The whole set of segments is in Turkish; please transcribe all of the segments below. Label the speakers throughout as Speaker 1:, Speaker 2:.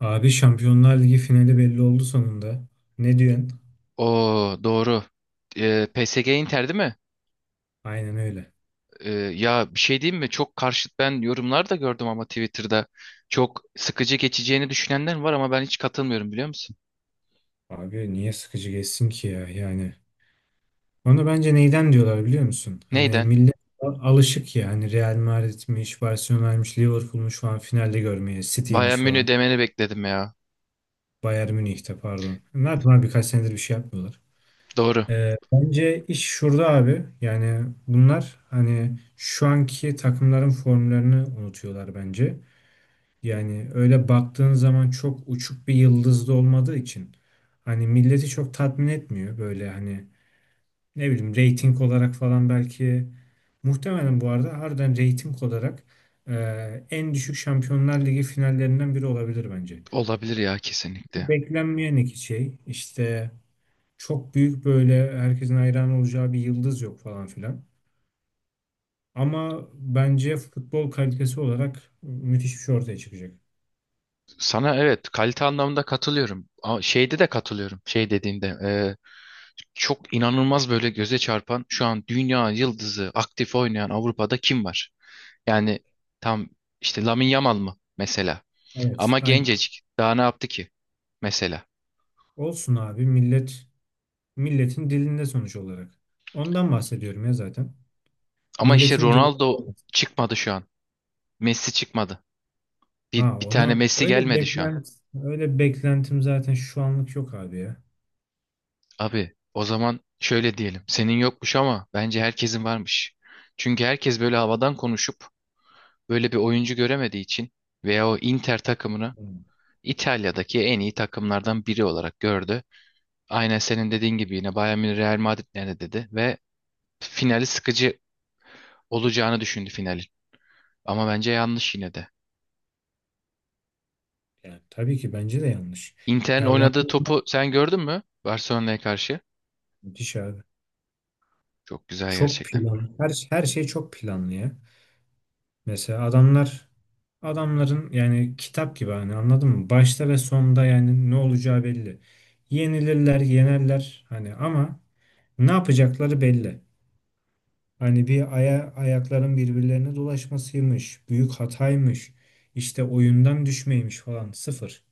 Speaker 1: Abi Şampiyonlar Ligi finali belli oldu sonunda. Ne diyorsun?
Speaker 2: O doğru. PSG Inter değil mi?
Speaker 1: Aynen öyle.
Speaker 2: Ya bir şey diyeyim mi? Çok karşıt ben yorumlar da gördüm ama Twitter'da çok sıkıcı geçeceğini düşünenler var ama ben hiç katılmıyorum biliyor musun?
Speaker 1: Abi niye sıkıcı geçsin ki ya yani. Onu bence neyden diyorlar biliyor musun? Hani
Speaker 2: Neyden?
Speaker 1: millet alışık ya hani Real Madrid'miş, Barcelona'ymış, Liverpool'muş falan finalde görmeye, City'ymiş
Speaker 2: Bayern Münih
Speaker 1: falan.
Speaker 2: demeni bekledim ya.
Speaker 1: Bayern Münih'te pardon. Ne yaptılar, birkaç senedir bir şey yapmıyorlar.
Speaker 2: Doğru.
Speaker 1: Bence iş şurada abi. Yani bunlar hani şu anki takımların formlarını unutuyorlar bence. Yani öyle baktığın zaman çok uçuk bir yıldızda olmadığı için hani milleti çok tatmin etmiyor, böyle hani ne bileyim reyting olarak falan, belki muhtemelen bu arada harbiden reyting olarak e, en düşük Şampiyonlar Ligi finallerinden biri olabilir bence.
Speaker 2: Olabilir ya kesinlikle.
Speaker 1: Beklenmeyen iki şey işte, çok büyük böyle herkesin hayran olacağı bir yıldız yok falan filan. Ama bence futbol kalitesi olarak müthiş bir şey ortaya çıkacak.
Speaker 2: Sana evet kalite anlamında katılıyorum. Ama şeyde de katılıyorum. Şey dediğinde çok inanılmaz böyle göze çarpan şu an dünya yıldızı aktif oynayan Avrupa'da kim var? Yani tam işte Lamine Yamal mı mesela?
Speaker 1: Evet,
Speaker 2: Ama
Speaker 1: aynen.
Speaker 2: gencecik. Daha ne yaptı ki mesela?
Speaker 1: Olsun abi. Milletin dilinde sonuç olarak. Ondan bahsediyorum ya zaten.
Speaker 2: Ama işte
Speaker 1: Milletin dilinde
Speaker 2: Ronaldo
Speaker 1: olması.
Speaker 2: çıkmadı şu an. Messi çıkmadı. Bir,
Speaker 1: Ha,
Speaker 2: bir tane
Speaker 1: onu
Speaker 2: Messi gelmedi şu an.
Speaker 1: öyle beklentim zaten şu anlık yok abi ya.
Speaker 2: Abi o zaman şöyle diyelim. Senin yokmuş ama bence herkesin varmış. Çünkü herkes böyle havadan konuşup böyle bir oyuncu göremediği için veya o Inter takımını
Speaker 1: Hı.
Speaker 2: İtalya'daki en iyi takımlardan biri olarak gördü. Aynen senin dediğin gibi yine Bayern Münih Real Madrid nerede dedi ve finali sıkıcı olacağını düşündü finalin. Ama bence yanlış yine de.
Speaker 1: Yani tabii ki bence de yanlış.
Speaker 2: Inter'in
Speaker 1: Ya Allah,
Speaker 2: oynadığı topu sen gördün mü? Barcelona'ya karşı.
Speaker 1: müthiş abi.
Speaker 2: Çok güzel
Speaker 1: Çok
Speaker 2: gerçekten.
Speaker 1: plan. Her şey çok planlı ya. Mesela adamların yani kitap gibi, hani anladın mı? Başta ve sonda yani ne olacağı belli. Yenilirler, yenerler hani ama ne yapacakları belli. Hani bir ayakların birbirlerine dolaşmasıymış, büyük hataymış, işte oyundan düşmeymiş falan sıfır.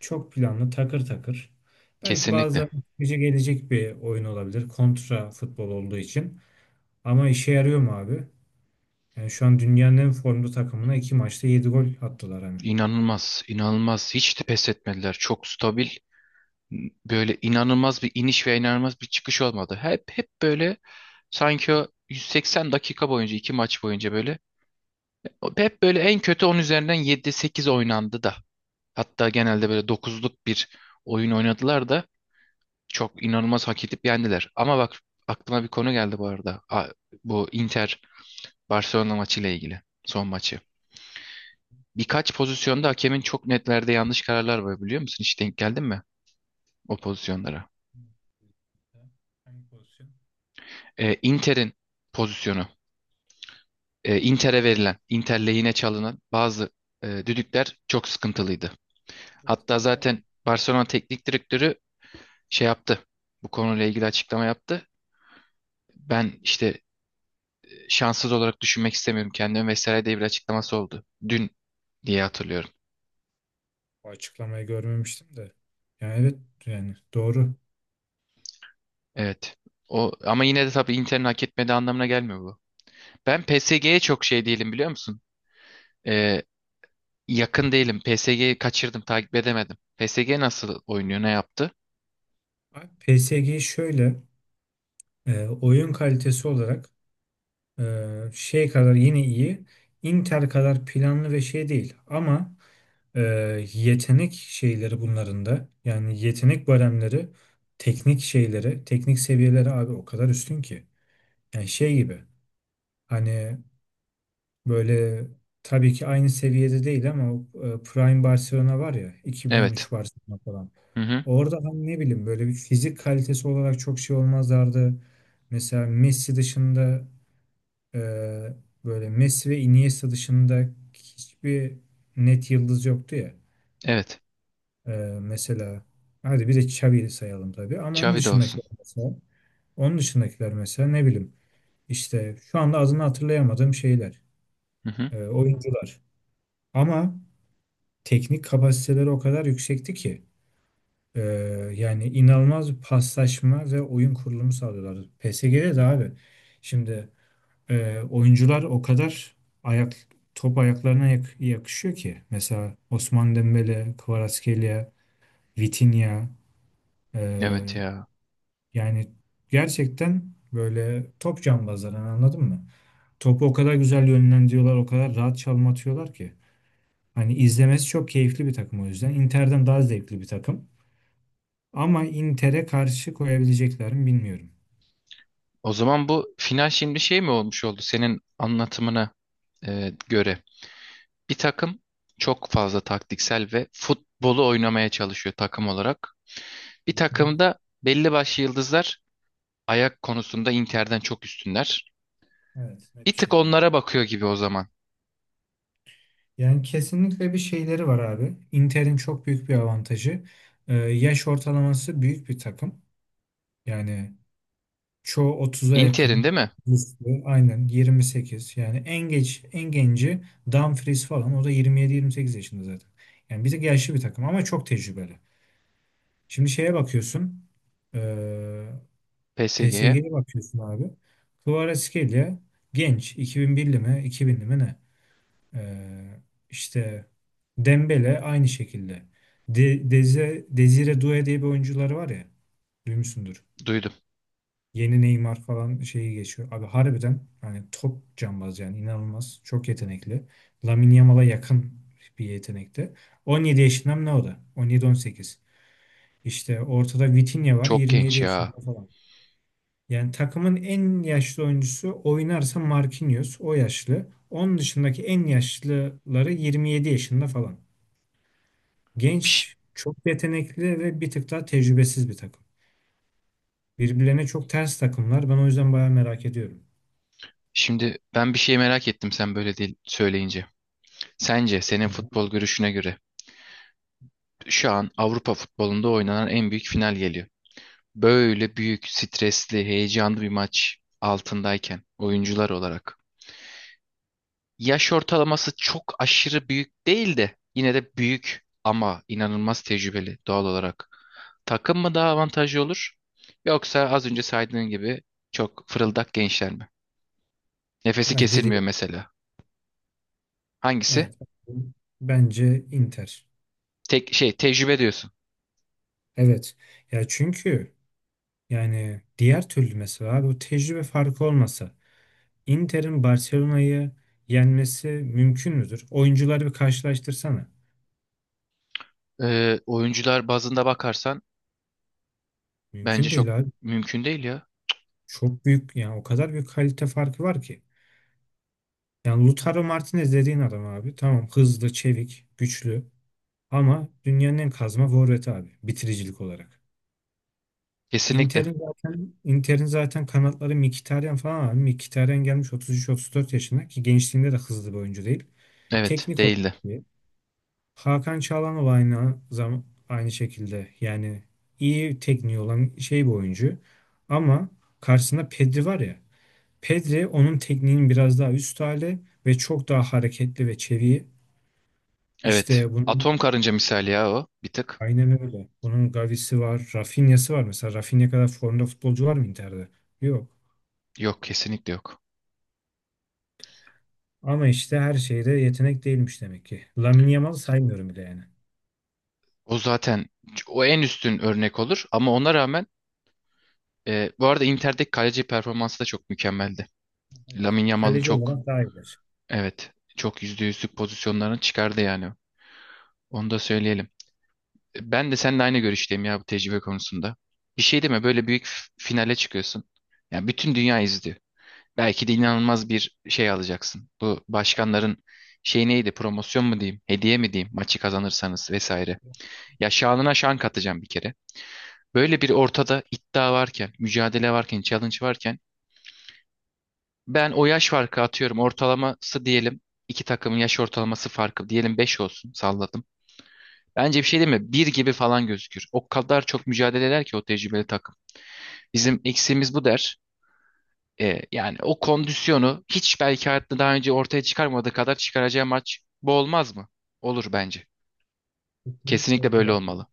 Speaker 1: Çok planlı, takır takır. Belki
Speaker 2: Kesinlikle.
Speaker 1: bazen güce gelecek bir oyun olabilir kontra futbol olduğu için. Ama işe yarıyor mu abi? Yani şu an dünyanın en formda takımına iki maçta yedi gol attılar hani.
Speaker 2: İnanılmaz, inanılmaz. Hiç de pes etmediler. Çok stabil. Böyle inanılmaz bir iniş ve inanılmaz bir çıkış olmadı. Hep böyle sanki o 180 dakika boyunca, iki maç boyunca böyle hep böyle en kötü 10 üzerinden yedi sekiz oynandı da. Hatta genelde böyle dokuzluk bir oyun oynadılar da çok inanılmaz hak edip yendiler. Ama bak aklıma bir konu geldi bu arada. Bu Inter Barcelona maçıyla ilgili. Son maçı. Birkaç pozisyonda hakemin çok netlerde yanlış kararlar var biliyor musun? Hiç denk geldin mi o pozisyonlara?
Speaker 1: Hangi pozisyon?
Speaker 2: Inter'in pozisyonu. Inter'e verilen, Inter lehine çalınan bazı düdükler çok sıkıntılıydı.
Speaker 1: Evet,
Speaker 2: Hatta
Speaker 1: vallahi.
Speaker 2: zaten Barcelona teknik direktörü şey yaptı. Bu konuyla ilgili açıklama yaptı. Ben işte şanssız olarak düşünmek istemiyorum kendimi vesaire diye bir açıklaması oldu. Dün diye hatırlıyorum.
Speaker 1: Bu açıklamayı görmemiştim de. Yani evet, yani doğru.
Speaker 2: Evet. O ama yine de tabii Inter'in hak etmediği anlamına gelmiyor bu. Ben PSG'ye çok şey değilim biliyor musun? Ee, yakın değilim. PSG'yi kaçırdım, takip edemedim. PSG nasıl oynuyor, ne yaptı?
Speaker 1: Abi PSG şöyle. Oyun kalitesi olarak e, şey kadar yine iyi, Inter kadar planlı ve şey değil. Ama e, yetenek şeyleri bunların da, yani yetenek baremleri, teknik şeyleri, teknik seviyeleri abi o kadar üstün ki. Yani şey gibi hani, böyle tabii ki aynı seviyede değil ama Prime Barcelona var ya,
Speaker 2: Evet.
Speaker 1: 2013 Barcelona falan.
Speaker 2: Hı hı.
Speaker 1: Orada hani ne bileyim böyle bir fizik kalitesi olarak çok şey olmazlardı. Mesela Messi dışında, Ee, böyle Messi ve Iniesta dışında hiçbir net yıldız yoktu ya.
Speaker 2: Evet.
Speaker 1: Ee, Mesela hadi bir de Xavi'yi sayalım tabii, ama
Speaker 2: Xavi de olsun.
Speaker 1: onun dışındakiler mesela ne bileyim, işte şu anda adını hatırlayamadığım şeyler,
Speaker 2: Hı hı.
Speaker 1: oyuncular. Ama teknik kapasiteleri o kadar yüksekti ki e, yani inanılmaz bir paslaşma ve oyun kurulumu sağlıyorlardı. PSG'de de abi şimdi, oyuncular o kadar ayak top ayaklarına yakışıyor ki. Mesela Osman Dembele, Kvaratskhelia, Vitinha,
Speaker 2: Evet
Speaker 1: ee,
Speaker 2: ya.
Speaker 1: yani gerçekten böyle top cambazları, anladın mı? Topu o kadar güzel yönlendiriyorlar, o kadar rahat çalım atıyorlar ki. Hani izlemesi çok keyifli bir takım o yüzden. Inter'den daha zevkli bir takım. Ama Inter'e karşı koyabilecekler mi bilmiyorum.
Speaker 2: O zaman bu final şimdi şey mi olmuş oldu senin anlatımına göre? Bir takım çok fazla taktiksel ve futbolu oynamaya çalışıyor takım olarak. Bir
Speaker 1: Hı hı.
Speaker 2: takımda belli başlı yıldızlar ayak konusunda Inter'den çok üstünler.
Speaker 1: Evet, net bir
Speaker 2: Bir tık
Speaker 1: şekilde.
Speaker 2: onlara bakıyor gibi o zaman.
Speaker 1: Yani kesinlikle bir şeyleri var abi. Inter'in çok büyük bir avantajı. Yaş ortalaması büyük bir takım. Yani çoğu 30'a
Speaker 2: Inter'in değil
Speaker 1: yakın.
Speaker 2: mi?
Speaker 1: Üstü, aynen 28. Yani en genci Dumfries falan, o da 27-28 yaşında zaten. Yani bir de yaşlı bir takım ama çok tecrübeli. Şimdi şeye bakıyorsun. E,
Speaker 2: PSG'ye
Speaker 1: PSG'ye bakıyorsun abi. Kvaratskhelia genç, 2001'li mi 2000'li mi ne? Ee, işte Dembele aynı şekilde. De Deze Desire Doué diye bir oyuncuları var ya. Duymuşsundur.
Speaker 2: duydum.
Speaker 1: Yeni Neymar falan şeyi geçiyor. Abi harbiden hani top cambaz yani, inanılmaz. Çok yetenekli. Lamine Yamal'a yakın bir yetenekte. 17 yaşında mı ne o da? 17-18. İşte ortada Vitinha var,
Speaker 2: Çok
Speaker 1: 27
Speaker 2: genç ya.
Speaker 1: yaşında falan. Yani takımın en yaşlı oyuncusu oynarsa Marquinhos, o yaşlı. Onun dışındaki en yaşlıları 27 yaşında falan.
Speaker 2: Piş.
Speaker 1: Genç, çok yetenekli ve bir tık daha tecrübesiz bir takım. Birbirlerine çok ters takımlar. Ben o yüzden bayağı merak ediyorum.
Speaker 2: Şimdi ben bir şey merak ettim sen böyle değil söyleyince. Sence senin
Speaker 1: Hı hı.
Speaker 2: futbol görüşüne göre şu an Avrupa futbolunda oynanan en büyük final geliyor. Böyle büyük, stresli, heyecanlı bir maç altındayken oyuncular olarak. Yaş ortalaması çok aşırı büyük değil de yine de büyük ama inanılmaz tecrübeli doğal olarak. Takım mı daha avantajlı olur? Yoksa az önce saydığın gibi çok fırıldak gençler mi? Nefesi
Speaker 1: Bence
Speaker 2: kesilmiyor
Speaker 1: değil.
Speaker 2: mesela. Hangisi?
Speaker 1: Evet. Bence Inter.
Speaker 2: Tek şey tecrübe diyorsun.
Speaker 1: Evet. Ya çünkü yani diğer türlü mesela abi, bu tecrübe farkı olmasa Inter'in Barcelona'yı yenmesi mümkün müdür? Oyuncuları bir karşılaştırsana.
Speaker 2: Oyuncular bazında bakarsan bence
Speaker 1: Mümkün
Speaker 2: çok
Speaker 1: değil abi.
Speaker 2: mümkün değil ya.
Speaker 1: Çok büyük, yani o kadar büyük kalite farkı var ki. Yani Lautaro Martinez dediğin adam abi, tamam hızlı, çevik, güçlü. Ama dünyanın en kazma forveti abi bitiricilik olarak.
Speaker 2: Kesinlikle.
Speaker 1: Inter'in zaten kanatları Mkhitaryan falan abi. Mkhitaryan gelmiş 33-34 yaşına, ki gençliğinde de hızlı bir oyuncu değil.
Speaker 2: Evet,
Speaker 1: Teknik olarak
Speaker 2: değildi.
Speaker 1: iyi. Hakan Çalhanoğlu aynı şekilde, yani iyi tekniği olan şey bir oyuncu. Ama karşısında Pedri var ya. Pedri onun tekniğinin biraz daha üst hali ve çok daha hareketli ve çevik.
Speaker 2: Evet.
Speaker 1: İşte bunu
Speaker 2: Atom karınca misali ya o. Bir tık.
Speaker 1: Aynen öyle. Bunun Gavi'si var, Rafinha'sı var. Mesela Rafinha kadar formda futbolcu var mı Inter'de? Yok.
Speaker 2: Yok kesinlikle yok.
Speaker 1: Ama işte her şeyde yetenek değilmiş demek ki. Lamine Yamal'ı saymıyorum bile yani.
Speaker 2: O zaten o en üstün örnek olur ama ona rağmen bu arada Inter'deki kaleci performansı da çok mükemmeldi.
Speaker 1: Evet,
Speaker 2: Lamine Yamal'ın
Speaker 1: kaleci
Speaker 2: çok,
Speaker 1: olarak daha iyidir.
Speaker 2: evet, çok %100'lük pozisyonlarını çıkardı yani. Onu da söyleyelim. Ben de seninle aynı görüşteyim ya bu tecrübe konusunda. Bir şey deme böyle büyük finale çıkıyorsun. Yani bütün dünya izliyor. Belki de inanılmaz bir şey alacaksın. Bu başkanların şey neydi? Promosyon mu diyeyim? Hediye mi diyeyim? Maçı kazanırsanız vesaire. Ya şanına şan katacağım bir kere. Böyle bir ortada iddia varken, mücadele varken, challenge varken ben o yaş farkı atıyorum. Ortalaması diyelim iki takımın yaş ortalaması farkı diyelim 5 olsun salladım. Bence bir şey değil mi? Bir gibi falan gözükür. O kadar çok mücadele eder ki o tecrübeli takım. Bizim eksiğimiz bu der. Yani o kondisyonu hiç belki hayatında daha önce ortaya çıkarmadığı kadar çıkaracağı maç bu olmaz mı? Olur bence.
Speaker 1: Kesinlikle
Speaker 2: Kesinlikle
Speaker 1: öyle
Speaker 2: böyle
Speaker 1: abi.
Speaker 2: olmalı.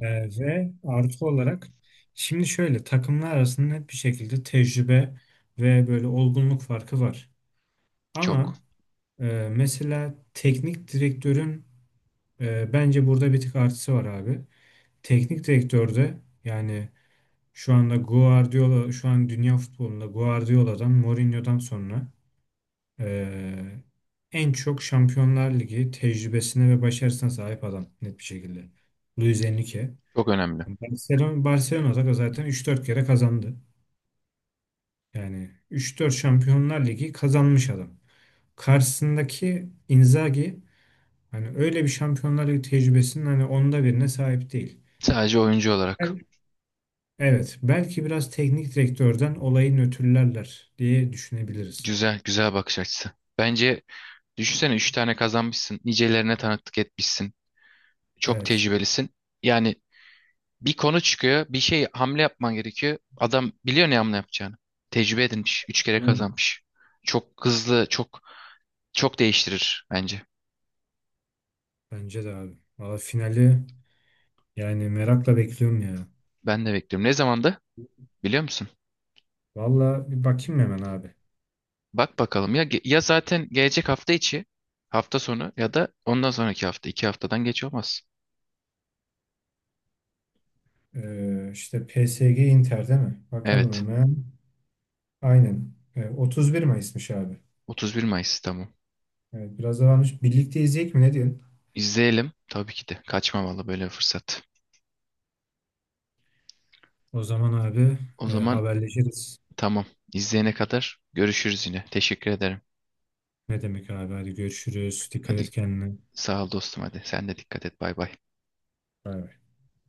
Speaker 1: Ve artı olarak, şimdi şöyle, takımlar arasında net bir şekilde tecrübe ve böyle olgunluk farkı var.
Speaker 2: Çok.
Speaker 1: Ama mesela teknik direktörün bence burada bir tık artısı var abi. Teknik direktörde yani. Şu anda Guardiola, şu an dünya futbolunda Guardiola'dan, Mourinho'dan sonra eee, en çok Şampiyonlar Ligi tecrübesine ve başarısına sahip adam net bir şekilde: Luis Enrique.
Speaker 2: Çok önemli.
Speaker 1: Barcelona'da da zaten üç dört kere kazandı. Yani üç dört Şampiyonlar Ligi kazanmış adam. Karşısındaki Inzaghi hani öyle bir Şampiyonlar Ligi tecrübesinin hani onda birine sahip değil.
Speaker 2: Sadece oyuncu olarak.
Speaker 1: Evet, belki biraz teknik direktörden olayı nötrlerler diye düşünebiliriz.
Speaker 2: Güzel, güzel bakış açısı. Bence düşünsene 3 tane kazanmışsın. Nicelerine tanıklık etmişsin. Çok
Speaker 1: Evet.
Speaker 2: tecrübelisin. Yani bir konu çıkıyor. Bir şey hamle yapman gerekiyor. Adam biliyor ne hamle yapacağını. Tecrübe edinmiş. 3 kere
Speaker 1: Aynen.
Speaker 2: kazanmış. Çok hızlı, çok çok değiştirir bence.
Speaker 1: Bence de abi. Valla finali yani merakla bekliyorum ya.
Speaker 2: Ben de bekliyorum. Ne zamandı? Biliyor musun?
Speaker 1: Valla bir bakayım hemen abi.
Speaker 2: Bak bakalım ya ya zaten gelecek hafta içi hafta sonu ya da ondan sonraki hafta iki haftadan geç olmaz.
Speaker 1: İşte PSG Inter değil mi? Bakalım
Speaker 2: Evet.
Speaker 1: hemen. Aynen. 31 Mayıs'mış abi.
Speaker 2: 31 Mayıs, tamam.
Speaker 1: Evet, biraz da varmış. Birlikte izleyecek mi? Ne diyorsun?
Speaker 2: İzleyelim tabii ki de kaçmamalı böyle bir fırsat.
Speaker 1: O zaman abi
Speaker 2: O zaman
Speaker 1: haberleşiriz.
Speaker 2: tamam. İzleyene kadar görüşürüz yine. Teşekkür ederim.
Speaker 1: Ne demek abi? Hadi görüşürüz. Dikkat
Speaker 2: Hadi
Speaker 1: et kendine.
Speaker 2: sağ ol dostum hadi. Sen de dikkat et. Bay bay.
Speaker 1: Bay bay.